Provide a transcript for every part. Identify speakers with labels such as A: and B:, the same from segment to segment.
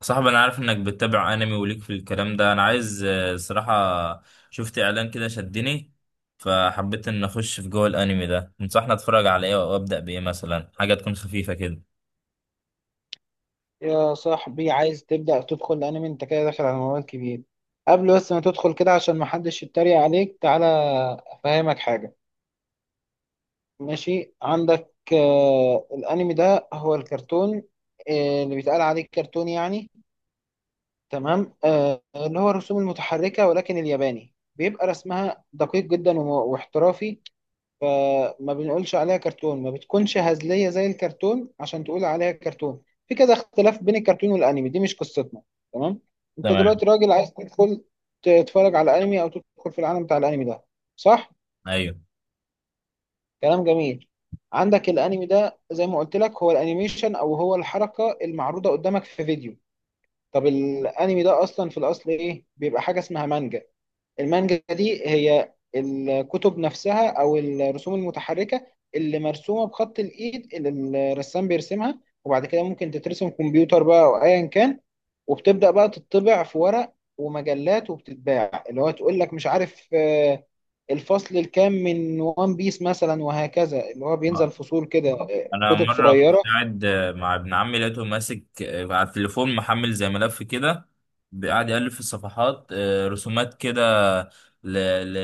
A: صاحبي انا عارف انك بتتابع انمي وليك في الكلام ده انا عايز صراحة شفت اعلان كده شدني. فحبيت ان اخش في جوه الانمي ده. تنصحني اتفرج على ايه وابدا بايه؟ مثلا حاجة تكون خفيفة كده.
B: يا صاحبي عايز تبدأ تدخل الأنمي، أنت كده داخل على موال كبير. قبل ما تدخل كده، عشان محدش يتريق عليك، تعالى أفهمك حاجة. ماشي؟ عندك آه الأنمي ده هو الكرتون، آه اللي بيتقال عليه كرتون تمام؟ آه اللي هو الرسوم المتحركة، ولكن الياباني بيبقى رسمها دقيق جدا واحترافي. فما بنقولش عليها كرتون، ما بتكونش هزلية زي الكرتون عشان تقول عليها كرتون. في كذا اختلاف بين الكرتون والانمي، دي مش قصتنا. تمام؟ انت
A: تمام،
B: دلوقتي راجل عايز تدخل تتفرج على الانمي او تدخل في العالم بتاع الانمي ده، صح؟
A: ايوه.
B: كلام جميل. عندك الانمي ده زي ما قلت لك هو الانيميشن، او هو الحركة المعروضة قدامك في فيديو. طب الانمي ده اصلا في الاصل ايه؟ بيبقى حاجة اسمها مانجا. المانجا دي هي الكتب نفسها، او الرسوم المتحركه اللي مرسومه بخط الايد اللي الرسام بيرسمها، وبعد كده ممكن تترسم كمبيوتر بقى او ايا كان. وبتبدا بقى تطبع في ورق ومجلات وبتتباع، اللي هو تقول لك مش عارف الفصل الكام من وان بيس مثلا، وهكذا، اللي هو بينزل فصول كده،
A: انا
B: كتب
A: مره كنت
B: صغيره.
A: قاعد مع ابن عمي لقيته ماسك على التليفون محمل زي ملف كده، قاعد يألف في الصفحات، رسومات كده، ل... ل...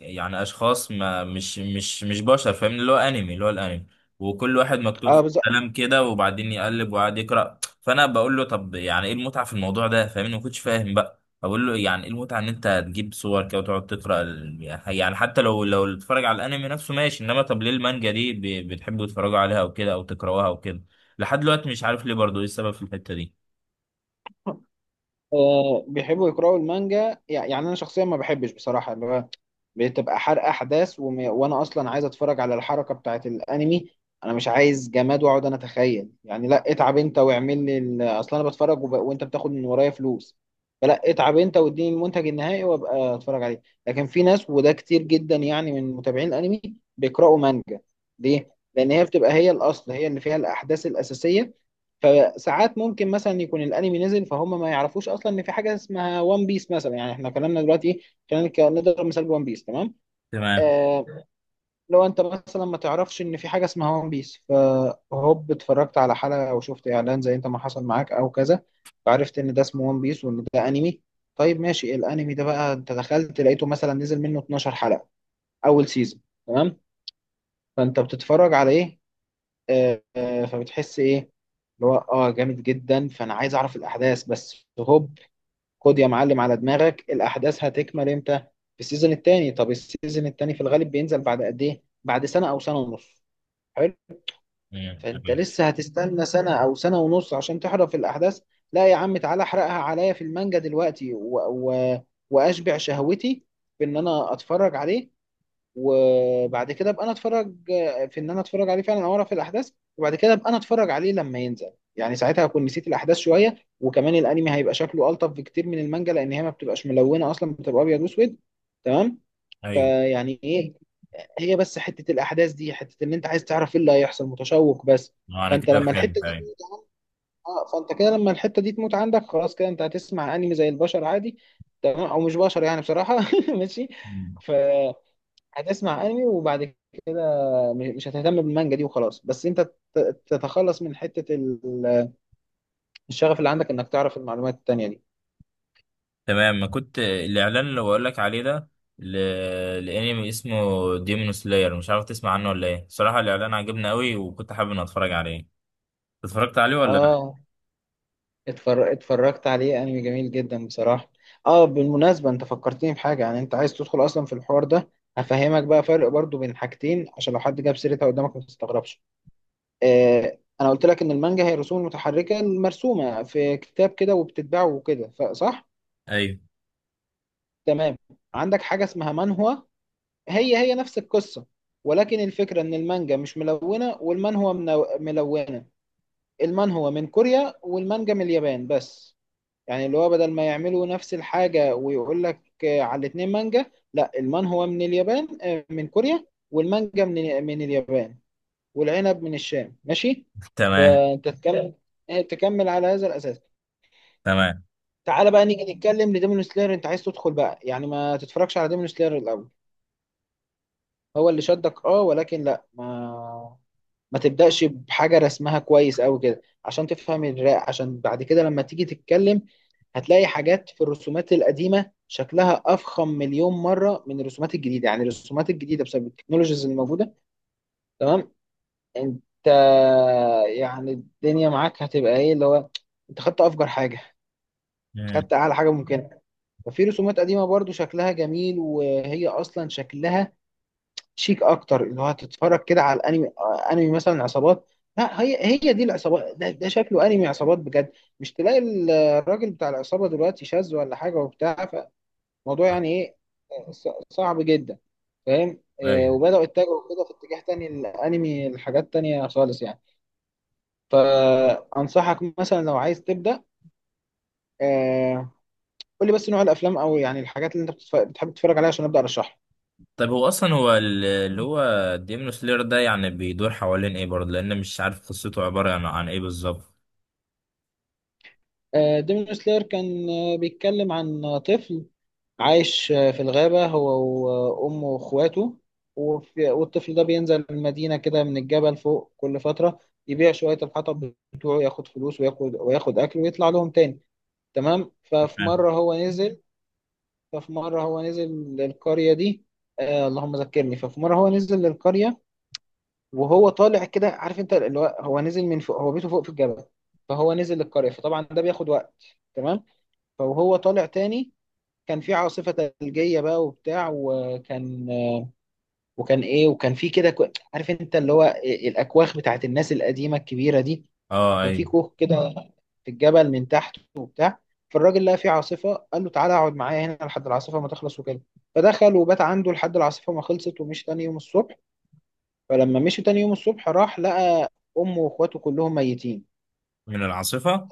A: يعني اشخاص ما مش بشر، فاهم؟ اللي هو انمي، اللي هو الانمي، وكل واحد مكتوب
B: اه
A: فيه
B: بالظبط.
A: كلام كده وبعدين يقلب وقاعد يقرأ. فانا بقول له طب يعني ايه المتعه في الموضوع ده؟ فاهمني؟ ما كنتش فاهم بقى. اقول له يعني ايه المتعه ان انت تجيب صور كده وتقعد تقرا يعني حتى لو تتفرج على الانمي نفسه ماشي، انما طب ليه المانجا دي بتحبوا تتفرجوا عليها او كده او تقراوها او كده؟ لحد دلوقتي مش عارف ليه برضو ايه السبب في الحته دي.
B: بيحبوا يقرأوا المانجا، يعني أنا شخصيا ما بحبش بصراحة، اللي هو بتبقى حرق أحداث، وأنا أصلا عايز أتفرج على الحركة بتاعت الأنمي. أنا مش عايز جماد وأقعد أنا أتخيل. لا، اتعب أنت واعمل لي أصلا أنا بتفرج، وأنت بتاخد من ورايا فلوس. فلا، اتعب أنت واديني المنتج النهائي وأبقى أتفرج عليه. لكن في ناس، وده كتير جدا يعني من متابعين الأنمي، بيقرأوا مانجا. ليه؟ لأن هي بتبقى هي الأصل، هي اللي فيها الأحداث الأساسية. فساعات ممكن مثلا يكون الانمي نزل، فهم ما يعرفوش اصلا ان في حاجه اسمها وان بيس مثلا. يعني احنا كلامنا دلوقتي ايه؟ خلينا نضرب مثال بوان بيس. تمام؟
A: تمام.
B: آه. لو انت مثلا ما تعرفش ان في حاجه اسمها وان بيس، فهوب اتفرجت على حلقه او شفت اعلان زي انت ما حصل معاك او كذا، فعرفت ان ده اسمه وان بيس وان ده انمي. طيب ماشي، الانمي ده بقى انت دخلت لقيته مثلا نزل منه 12 حلقه، اول سيزون. تمام؟ فانت بتتفرج على ايه؟ فبتحس ايه؟ اللي هو اه جامد جدا، فانا عايز اعرف الاحداث بس. هوب، خد يا معلم على دماغك، الاحداث هتكمل امتى؟ في السيزون التاني. طب السيزون التاني في الغالب بينزل بعد قد ايه؟ بعد سنة او سنة ونص. حلو. فانت
A: ايوه.
B: لسه هتستنى سنة او سنة ونص عشان تحرف الاحداث؟ لا يا عم، تعالى احرقها عليا في المانجا دلوقتي واشبع شهوتي في ان انا اتفرج عليه. وبعد كده ابقى انا اتفرج، في ان انا اتفرج عليه فعلا او اعرف الاحداث. وبعد كده ابقى انا اتفرج عليه لما ينزل، يعني ساعتها هكون نسيت الاحداث شويه. وكمان الانمي هيبقى شكله الطف بكتير من المانجا، لان هي ما بتبقاش ملونه اصلا، بتبقى ابيض واسود. تمام؟
A: ايوه
B: فيعني ايه، هي بس حته الاحداث دي، حته ان انت عايز تعرف ايه اللي هيحصل، متشوق بس.
A: ما انا
B: فانت
A: كده
B: لما الحته
A: فهمت.
B: دي،
A: ايوه.
B: اه فانت كده لما الحته دي تموت عندك، خلاص كده انت هتسمع انمي زي البشر عادي. تمام، او مش بشر يعني بصراحه ماشي.
A: مم.
B: فهتسمع انمي، وبعد مش هتهتم بالمانجا دي وخلاص. بس انت تتخلص من حتة الشغف اللي عندك انك تعرف المعلومات التانية دي.
A: تمام. ما كنت الاعلان اللي بقول لك عليه ده، ل... الانمي اسمه ديمون سلاير، مش عارف تسمع عنه ولا ايه؟ صراحه الاعلان عجبني قوي وكنت حابب ان اتفرج عليه. اتفرجت عليه ولا لا؟
B: اه. اتفرجت عليه، انمي جميل جدا بصراحة. اه بالمناسبة، انت فكرتني بحاجة. يعني انت عايز تدخل اصلا في الحوار ده، هفهمك بقى فرق برضو بين حاجتين، عشان لو حد جاب سيرتها قدامك ما تستغربش. آه انا قلت لك ان المانجا هي رسوم متحركة مرسومة في كتاب كده وبتتباع وكده، صح؟
A: ايوه.
B: تمام. عندك حاجة اسمها مانهوا، هي هي نفس القصة، ولكن الفكرة إن المانجا مش ملونة والمانهوا ملونة. المانهوا من كوريا والمانجا من اليابان بس. يعني اللي هو بدل ما يعملوا نفس الحاجة ويقول لك على الاتنين مانجا، لا، المانهوا من اليابان، من كوريا، والمانجا من اليابان، والعنب من الشام. ماشي؟
A: تمام.
B: فأنت تكمل، تكمل على هذا الأساس.
A: تمام.
B: تعالى بقى نيجي نتكلم لديمون سلاير. أنت عايز تدخل بقى، يعني ما تتفرجش على ديمون سلاير الأول. هو اللي شدك، اه، ولكن لا، ما تبدأش بحاجة رسمها كويس أوي كده، عشان تفهم الرق، عشان بعد كده لما تيجي تتكلم هتلاقي حاجات في الرسومات القديمة شكلها أفخم مليون مرة من الرسومات الجديدة. يعني الرسومات الجديدة بسبب التكنولوجيز اللي موجودة، تمام؟ أنت يعني الدنيا معاك هتبقى إيه، اللي هو أنت خدت أفجر حاجة،
A: مم.
B: خدت أعلى حاجة ممكنة. ففي رسومات قديمة برضو شكلها جميل، وهي أصلا شكلها شيك اكتر. اللي هو هتتفرج كده على الانمي، انمي مثلا عصابات. لا، هي هي دي العصابات، ده ده شكله انمي عصابات بجد، مش تلاقي الراجل بتاع العصابه دلوقتي شاذ ولا حاجه وبتاع. فالموضوع يعني ايه، صعب جدا، فاهم؟
A: ايوه.
B: وبداوا يتجهوا كده في اتجاه تاني الانمي لحاجات تانية خالص يعني. فانصحك مثلا لو عايز تبدا، آه، قول لي بس نوع الافلام او يعني الحاجات اللي انت بتحب تتفرج عليها عشان ابدا ارشحها.
A: طيب هو اصلا هو اللي هو ديمون سلير ده يعني بيدور حوالين ايه برضه؟ لان مش عارف قصته عبارة عن، عن ايه بالظبط.
B: ديمون سلاير كان، بيتكلم عن طفل عايش في الغابة هو وأمه وأخواته. والطفل ده بينزل المدينة كده من الجبل فوق كل فترة، يبيع شوية الحطب بتوعه، ياخد فلوس، وياخد أكل، ويطلع لهم تاني. تمام؟ ففي مرة هو نزل للقرية دي. آه اللهم ذكرني. ففي مرة هو نزل للقرية، وهو طالع كده، عارف أنت اللي هو هو نزل من فوق، هو بيته فوق في الجبل، فهو نزل للقرية، فطبعا ده بياخد وقت. تمام؟ فهو طالع تاني، كان في عاصفة ثلجية بقى وبتاع. وكان في كده عارف انت اللي هو الاكواخ بتاعت الناس القديمة الكبيرة دي،
A: اه،
B: كان في
A: اي.
B: كوخ كده في الجبل من تحت وبتاع. فالراجل لقى في عاصفة، قال له تعالى اقعد معايا هنا لحد العاصفة ما تخلص وكده. فدخل وبات عنده لحد العاصفة ما خلصت، ومشي تاني يوم الصبح. فلما مشي تاني يوم الصبح راح لقى امه واخواته كلهم ميتين.
A: من العاصفة؟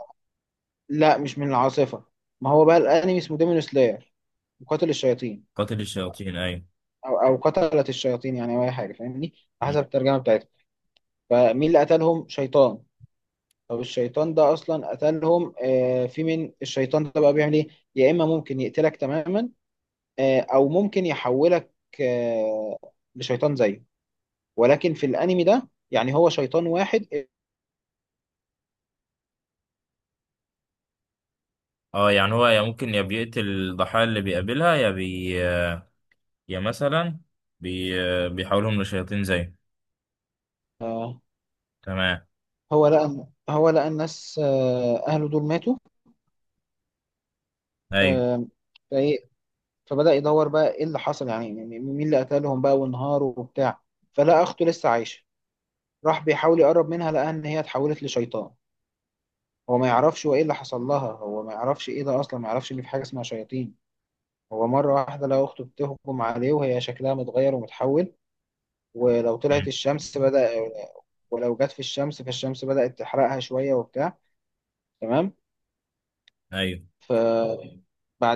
B: لا، مش من العاصفة. ما هو بقى الانمي اسمه ديمون سلاير، مقاتل الشياطين،
A: قاتل الشياطين، اي.
B: او قتلت الشياطين، يعني او اي حاجه، فاهمني، على حسب الترجمه بتاعتها. فمين اللي قتلهم؟ شيطان. طب الشيطان ده اصلا قتلهم، آه، في من الشيطان ده بقى بيعمل ايه؟ يا اما ممكن يقتلك تماما، آه، او ممكن يحولك، آه، لشيطان زيه. ولكن في الانمي ده يعني هو شيطان واحد.
A: اه، يعني هو يا ممكن يا بيقتل الضحايا اللي بيقابلها، يا بي يا مثلا بي بيحولهم لشياطين زيه.
B: آه.
A: تمام.
B: هو لقى الناس، آه، اهله دول ماتوا.
A: ايوه.
B: آه. فايه؟ فبدأ يدور بقى ايه اللي حصل، يعني مين اللي قتلهم بقى وانهاروا وبتاع. فلقى اخته لسه عايشه، راح بيحاول يقرب منها لقى ان هي اتحولت لشيطان. هو ما يعرفش هو ايه اللي حصل لها، هو ما يعرفش ايه ده اصلا، ما يعرفش ان في حاجه اسمها شياطين. هو مره واحده لقى اخته بتهجم عليه وهي شكلها متغير ومتحول. ولو طلعت
A: مم.
B: الشمس بدأ ولو جت في الشمس، فالشمس بدأت تحرقها شويه وبتاع. تمام؟
A: ايوه.
B: فبعد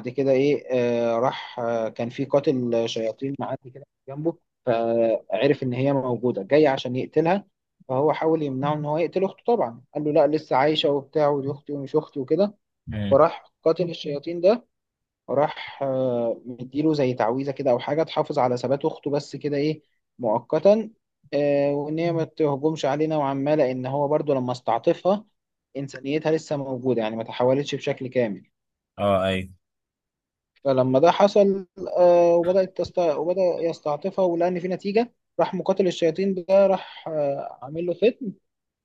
B: كده ايه؟ راح، كان في قاتل شياطين معدي كده جنبه، فعرف ان هي موجوده، جاي عشان يقتلها. فهو حاول يمنعه ان هو يقتل اخته، طبعا قال له لا لسه عايشه وبتاع، ودي اختي ومش اختي وكده.
A: مم.
B: وراح قاتل الشياطين ده راح مديله زي تعويذة كده، أو حاجة تحافظ على ثبات أخته بس كده، إيه، مؤقتا، وإن هي ما تهجمش علينا وعمالة، لأن هو برضو لما استعطفها إنسانيتها لسه موجودة يعني، ما تحولتش بشكل كامل.
A: اه، ايوه.
B: فلما ده حصل، وبدأ يستعطفها ولقى إن في نتيجة. راح مقاتل الشياطين ده راح آه، عامل له فت،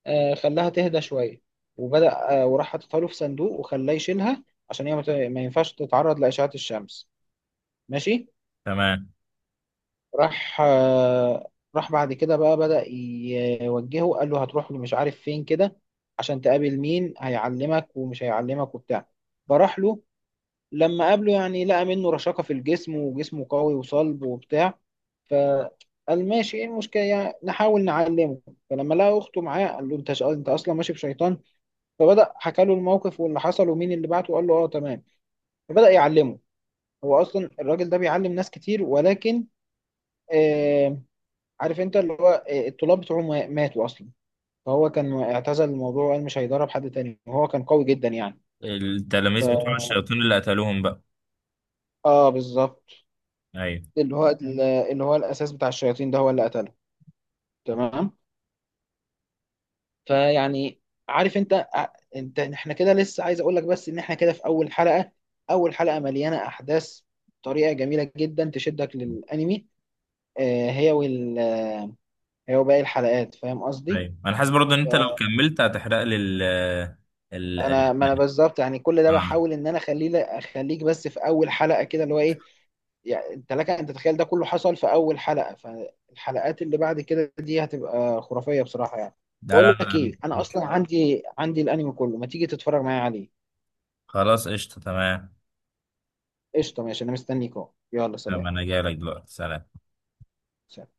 B: خلاها تهدى شوية. وبدأ آه، وراح حاططها له في صندوق وخلاه يشيلها، عشان هي ما ينفعش تتعرض لأشعة الشمس. ماشي؟
A: تمام.
B: راح آه، راح بعد كده بقى بدأ يوجهه، قال له هتروح مش عارف فين كده عشان تقابل مين، هيعلمك ومش هيعلمك وبتاع. فراح له، لما قابله يعني لقى منه رشاقة في الجسم، وجسمه قوي وصلب وبتاع، فقال ماشي ايه المشكلة يعني، نحاول نعلمه. فلما لقى أخته معاه، قال له انت أصلا ماشي بشيطان. فبدأ حكى له الموقف واللي حصل ومين اللي بعته، وقال له اه تمام، فبدأ يعلمه. هو اصلا الراجل ده بيعلم ناس كتير، ولكن آه، عارف انت اللي هو، آه، الطلاب بتوعه ماتوا اصلا، فهو كان اعتزل الموضوع وقال مش هيدرب حد تاني، وهو كان قوي جدا يعني. ف...
A: التلاميذ بتوع الشياطين اللي قتلوهم بقى؟
B: اه بالظبط.
A: ايوه.
B: اللي هو اللي هو الاساس بتاع الشياطين ده هو اللي قتله. تمام. فيعني، عارف انت، احنا كده لسه، عايز اقول لك بس ان احنا كده في اول حلقة. اول حلقة مليانة احداث بطريقة جميلة جدا تشدك للانمي، آه، هي وال آه، هي وباقي الحلقات، فاهم قصدي؟
A: ايوه، انا حاسس برضه ان انت لو كملت هتحرق لي ال ال-
B: انا ما انا بالظبط، يعني كل ده
A: آه.
B: بحاول ان انا اخليك بس في اول حلقة كده، اللي هو ايه، يعني انت لك ان تتخيل ده كله حصل في اول حلقة، فالحلقات اللي بعد كده دي هتبقى خرافية بصراحة يعني.
A: لا،
B: بقول
A: لا،
B: لك
A: لا.
B: ايه، انا اصلا عندي الانمي كله، ما تيجي تتفرج معايا عليه؟
A: خلاص، قشطة. تمام.
B: قشطة، ماشي، انا مستنيك اهو، يلا
A: تمام،
B: سلام.
A: انا جاي لك دلوقتي. سلام.
B: سلام.